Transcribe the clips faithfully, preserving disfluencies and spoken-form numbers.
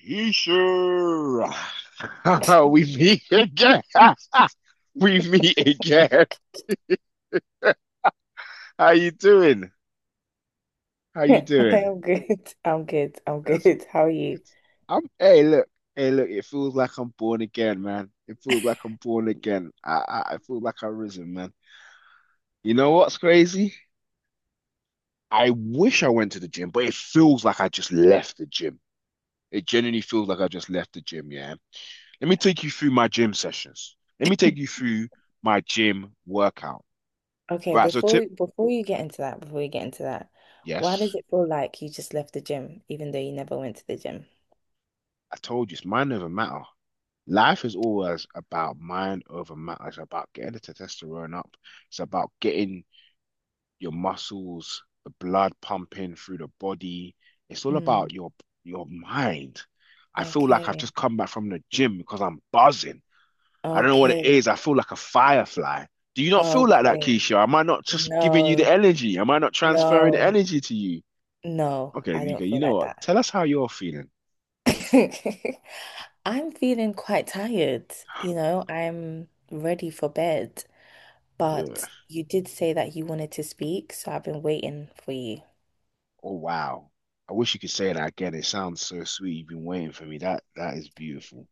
He sure. We meet again. We meet again. How you doing? How you I doing? am good. I'm good. I'm That's good. How are good. you? I'm hey look. Hey look, it feels like I'm born again, man. It feels like I'm born again. I I, I feel like I've risen, man. You know what's crazy? I wish I went to the gym, but it feels like I just left the gym. It genuinely feels like I just left the gym, yeah. Let me take you through my gym sessions. Let me take you through my gym workout. Okay, Right, so before tip, we- before you get into that, before you get into that, why does yes, it feel like you just left the gym, even though you never went to the gym? I told you it's mind over matter. Life is always about mind over matter. It's about getting the testosterone up. It's about getting your muscles, the blood pumping through the body. It's all Mm, about your your mind. I feel like I've okay. just come back from the gym because I'm buzzing. I don't know what it Okay. is. I feel like a firefly. Do you not feel like that, Okay. Keisha? Am I not just giving you the No, energy? Am I not transferring the no, energy to you? no, Okay, I Nika, don't you feel know like that. what? Tell us how you're feeling. I'm feeling quite tired, you know, I'm ready for bed, but Ugh. you did say that you wanted to speak, so I've been waiting for you. Oh wow. I wish you could say that again. It sounds so sweet. You've been waiting for me. That that is beautiful.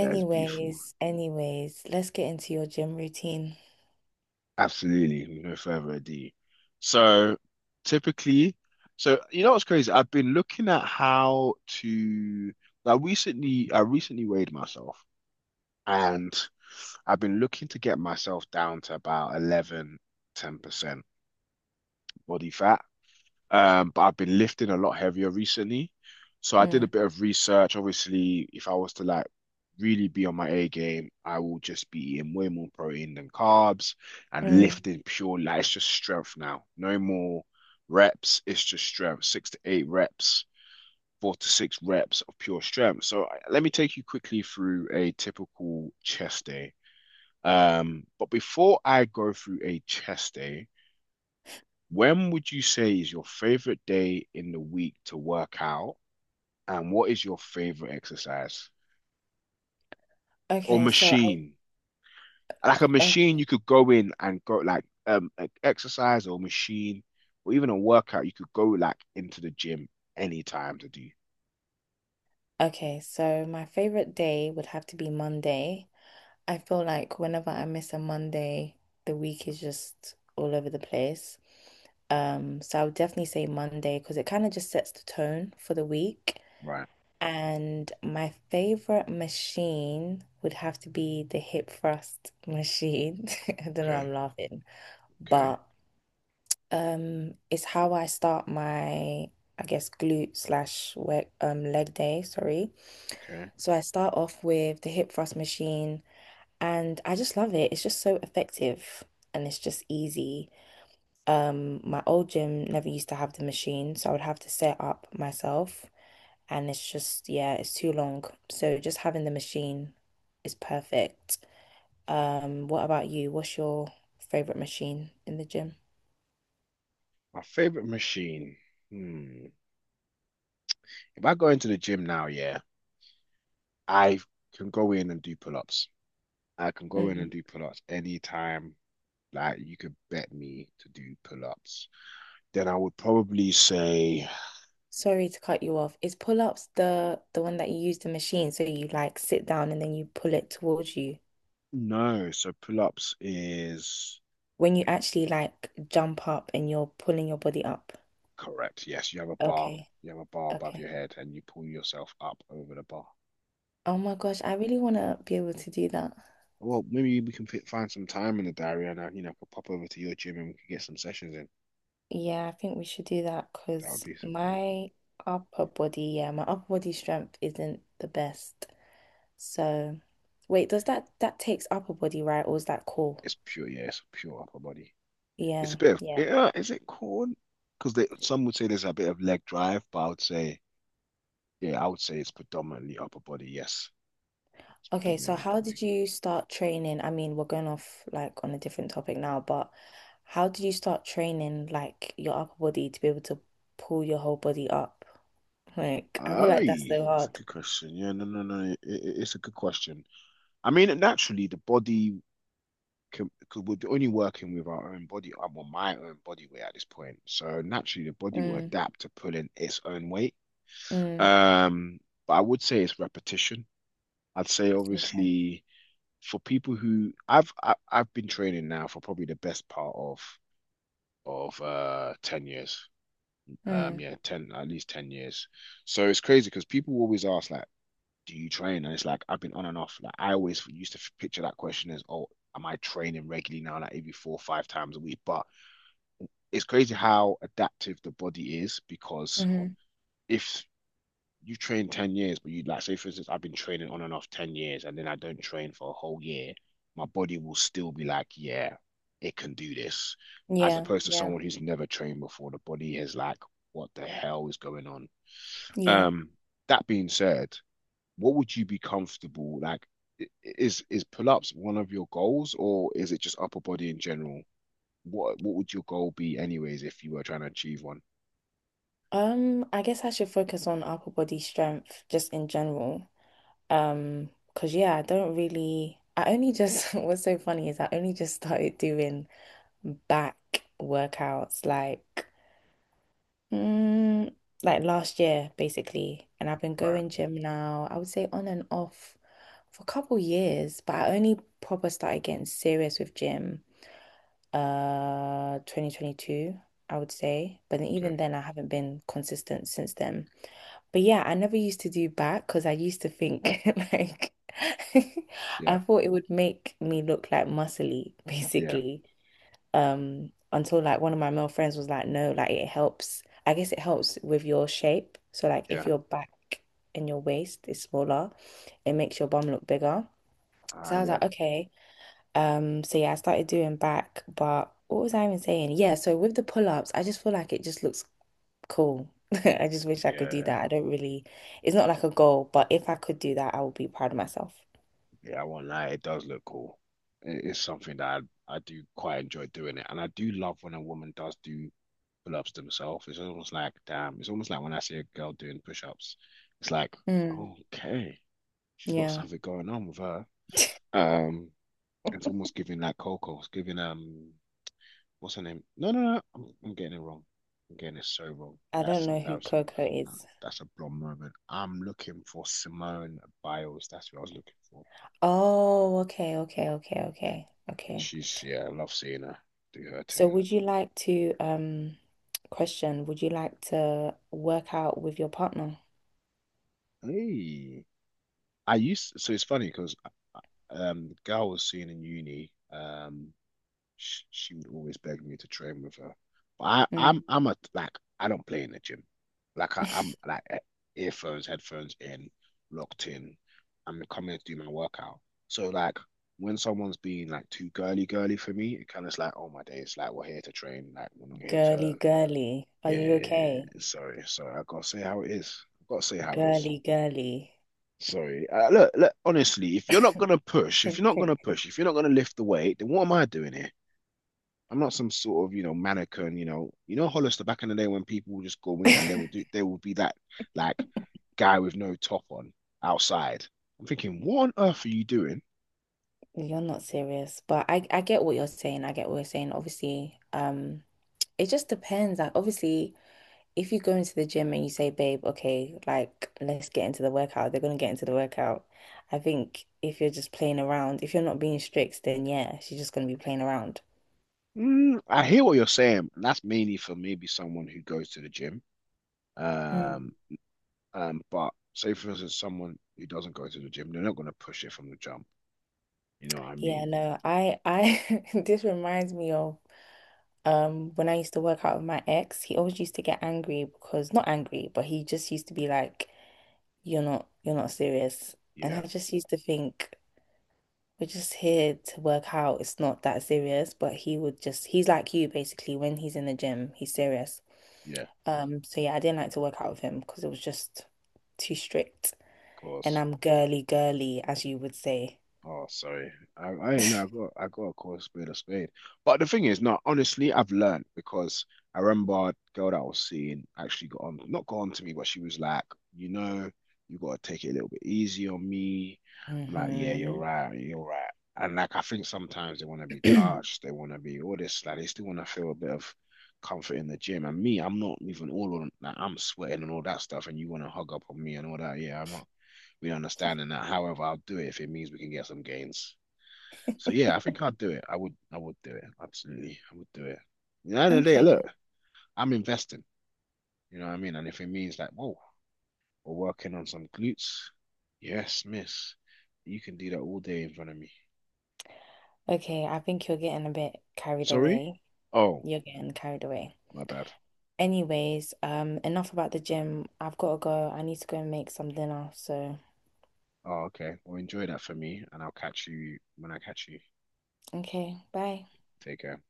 That is beautiful. anyways, let's get into your gym routine. Absolutely. With no further ado. So typically, so you know what's crazy? I've been looking at how to I recently I recently weighed myself and I've been looking to get myself down to about eleven ten percent body fat. Um, but I've been lifting a lot heavier recently. So I did a Mm, bit of research. Obviously, if I was to like really be on my A game, I will just be eating way more protein than carbs and mm. lifting pure like it's just strength now. No more reps, it's just strength. Six to eight reps, four to six reps of pure strength. So I- let me take you quickly through a typical chest day. Um, but before I go through a chest day, when would you say is your favorite day in the week to work out? And what is your favorite exercise or Okay, so I'll, machine? Like a machine o- you could go in and go like um an exercise or machine or even a workout you could go like into the gym anytime to do. okay, so my favorite day would have to be Monday. I feel like whenever I miss a Monday, the week is just all over the place. Um, so I would definitely say Monday because it kind of just sets the tone for the week. Right. And my favorite machine would have to be the hip thrust machine. I don't know, Okay. I'm laughing, Okay. but. Um, it's how I start my, I guess, glute slash work, um, leg day, sorry. Okay. So I start off with the hip thrust machine and I just love it. It's just so effective and it's just easy. Um, my old gym never used to have the machine, so I would have to set up myself and it's just, yeah, it's too long. So just having the machine is perfect. Um, what about you? What's your favorite machine in the gym? My favorite machine. Hmm. If I go into the gym now, yeah, I can go in and do pull-ups. I can go in and do pull-ups anytime. Like you could bet me to do pull-ups. Then I would probably say Sorry to cut you off. Is pull-ups the the one that you use the machine so you like sit down and then you pull it towards you no. So pull-ups is when you actually like jump up and you're pulling your body up. correct. Yes, you have a bar. Okay. You have a bar above Okay. your head and you pull yourself up over the bar. Oh my gosh, I really want to be able to do that. Well, maybe we can fit, find some time in the diary and I, you know, I could pop over to your gym and we could get some sessions in. Yeah, I think we should do that That would because be so cool. my upper body, yeah, my upper body strength isn't the best. So, wait, does that that takes upper body, right? Or is that core? It's pure, yeah, it's pure upper body. It's a Yeah. bit of, Yeah. yeah, is it corn? Because they some would say there's a bit of leg drive, but I would say, yeah, I would say it's predominantly upper body. Yes, it's Okay, so predominantly upper how did body. you start training? I mean, we're going off like on a different topic now, but how did you start training like your upper body to be able to pull your whole body up? Like, I feel like that's Aye, so that's a hard. good question. Yeah, no, no, no. It, it- it's a good question. I mean, naturally, the body can, could, we're only working with our own body, uh, well, my own body weight at this point. So naturally, the body will Mm, adapt to pulling its own weight. mm, Um, but I would say it's repetition. I'd say okay. obviously for people who I've I, I've been training now for probably the best part of of uh ten years. Um, Mm, yeah, ten at least ten years. So it's crazy because people always ask like, do you train? And it's like I've been on and off. Like I always used to picture that question as, oh, am I training regularly now, like every four or five times a week? But it's crazy how adaptive the body is because hmm. if you train ten years, but you like say for instance, I've been training on and off ten years and then I don't train for a whole year, my body will still be like, yeah, it can do this. As Yeah, opposed to yeah, someone who's never trained before, the body is like, what the hell is going on? yeah. Um, that being said, what would you be comfortable like? i- Is is pull-ups one of your goals, or is it just upper body in general? What what would your goal be, anyways, if you were trying to achieve one? Um, I guess I should focus on upper body strength just in general. Um, because yeah, I don't really, I only just, what's so funny is I only just started doing back workouts. Like, mm, like last year, basically. And I've been Right. going gym now, I would say on and off for a couple years, but I only proper started getting serious with gym uh twenty twenty-two, I would say. But then even Okay. then I haven't been consistent since then. But yeah, I never used to do back because I used to think like I Yeah. thought it would make me look like muscly, Yeah. basically um until like one of my male friends was like no like it helps, I guess it helps with your shape, so like if Yeah. your back and your waist is smaller it makes your bum look bigger, Ah. so I was Yeah. like okay. um so yeah I started doing back but what was I even saying, yeah so with the pull-ups I just feel like it just looks cool. I just wish I could do Yeah. that. I don't really it's not like a goal but if I could do that I would be proud of myself. Yeah. I won't lie. It does look cool. It is something that I, I do quite enjoy doing it, and I do love when a woman does do pull-ups themselves. It's almost like damn. It's almost like when I see a girl doing push-ups. It's like Mm. okay. She's got Yeah. something going on with her. Um, it's almost giving like Coco. It's giving um, what's her name? No, no, no. I'm, I'm getting it wrong. I'm getting it so wrong. I don't That's know who embarrassing. Coco Um, is. That's a blonde moment. I'm looking for Simone Biles. That's what I was looking for. Oh, okay, okay, okay, okay, And okay. she's yeah, I love seeing her do her So thing. would you like to um question, would you like to work out with your partner? Hey, I used so it's funny because um, the girl I was seeing in uni. Um, she, she would always beg me to train with her. But I, Mm. I'm I'm a like I don't play in the gym. Like I, I'm like eh, earphones, headphones in, locked in. I'm coming to do my workout. So like when someone's being like too girly girly for me, it kind of like oh my days, like we're here to train, like we're not here Girly, to. girly. Are you okay? Yeah. Sorry, sorry, I gotta say how it is. I gotta say how it is. Girly, girly. Sorry. Uh, look, look, honestly, if you're not gonna push, if you're not gonna push, if you're not gonna lift the weight, then what am I doing here? I'm not some sort of, you know, mannequin, you know. You know Hollister back in the day when people would just go in and they would do they would be that like guy with no top on outside. I'm thinking, what on earth are you doing? You're not serious, but I I get what you're saying. I get what you're saying. Obviously, um, it just depends. Like obviously, if you go into the gym and you say, babe, okay, like let's get into the workout, they're gonna get into the workout. I think if you're just playing around, if you're not being strict, then yeah, she's just gonna be playing around. Mm, I hear what you're saying. And that's mainly for maybe someone who goes to the gym. Mm. Um, um, but say for instance, someone who doesn't go to the gym, they're not gonna push it from the jump. You know what I Yeah, mean? no, I I this reminds me of um when I used to work out with my ex, he always used to get angry because not angry, but he just used to be like, you're not you're not serious. And I Yeah, just used to think we're just here to work out. It's not that serious, but he would just, he's like you basically. When he's in the gym, he's serious. yeah. Um, so yeah, I didn't like to work out with him because it was just too strict. And Course. I'm girly, girly, as you would say. Oh, sorry. I, I ain't know. I got, I got a course a spade a spade. But the thing is, no, honestly, I've learned because I remember a girl that I was seeing actually got on, not got on to me, but she was like, you know, you got to take it a little bit easy on me. I'm like, yeah, you're Hmm. right. You're right. And like, I think sometimes they want to be touched. They want to be all this. Like, they still want to feel a bit of comfort in the gym. And me, I'm not even all on, like, I'm sweating and all that stuff. And you want to hug up on me and all that. Yeah, I'm not we understand in that. However, I'll do it if it means we can get some gains. So yeah, I think I'd do it. I would I would do it. Absolutely. I would do it. You know, at the end of the day, look, Okay. I'm investing. You know what I mean? And if it means like, whoa, we're working on some glutes. Yes, miss. You can do that all day in front of me. Okay, I think you're getting a bit carried Sorry? away. Oh, You're getting carried away. my bad. Anyways, um, enough about the gym. I've got to go. I need to go and make some dinner. So, Oh, okay. Well, enjoy that for me, and I'll catch you when I catch you. okay, bye. Take care.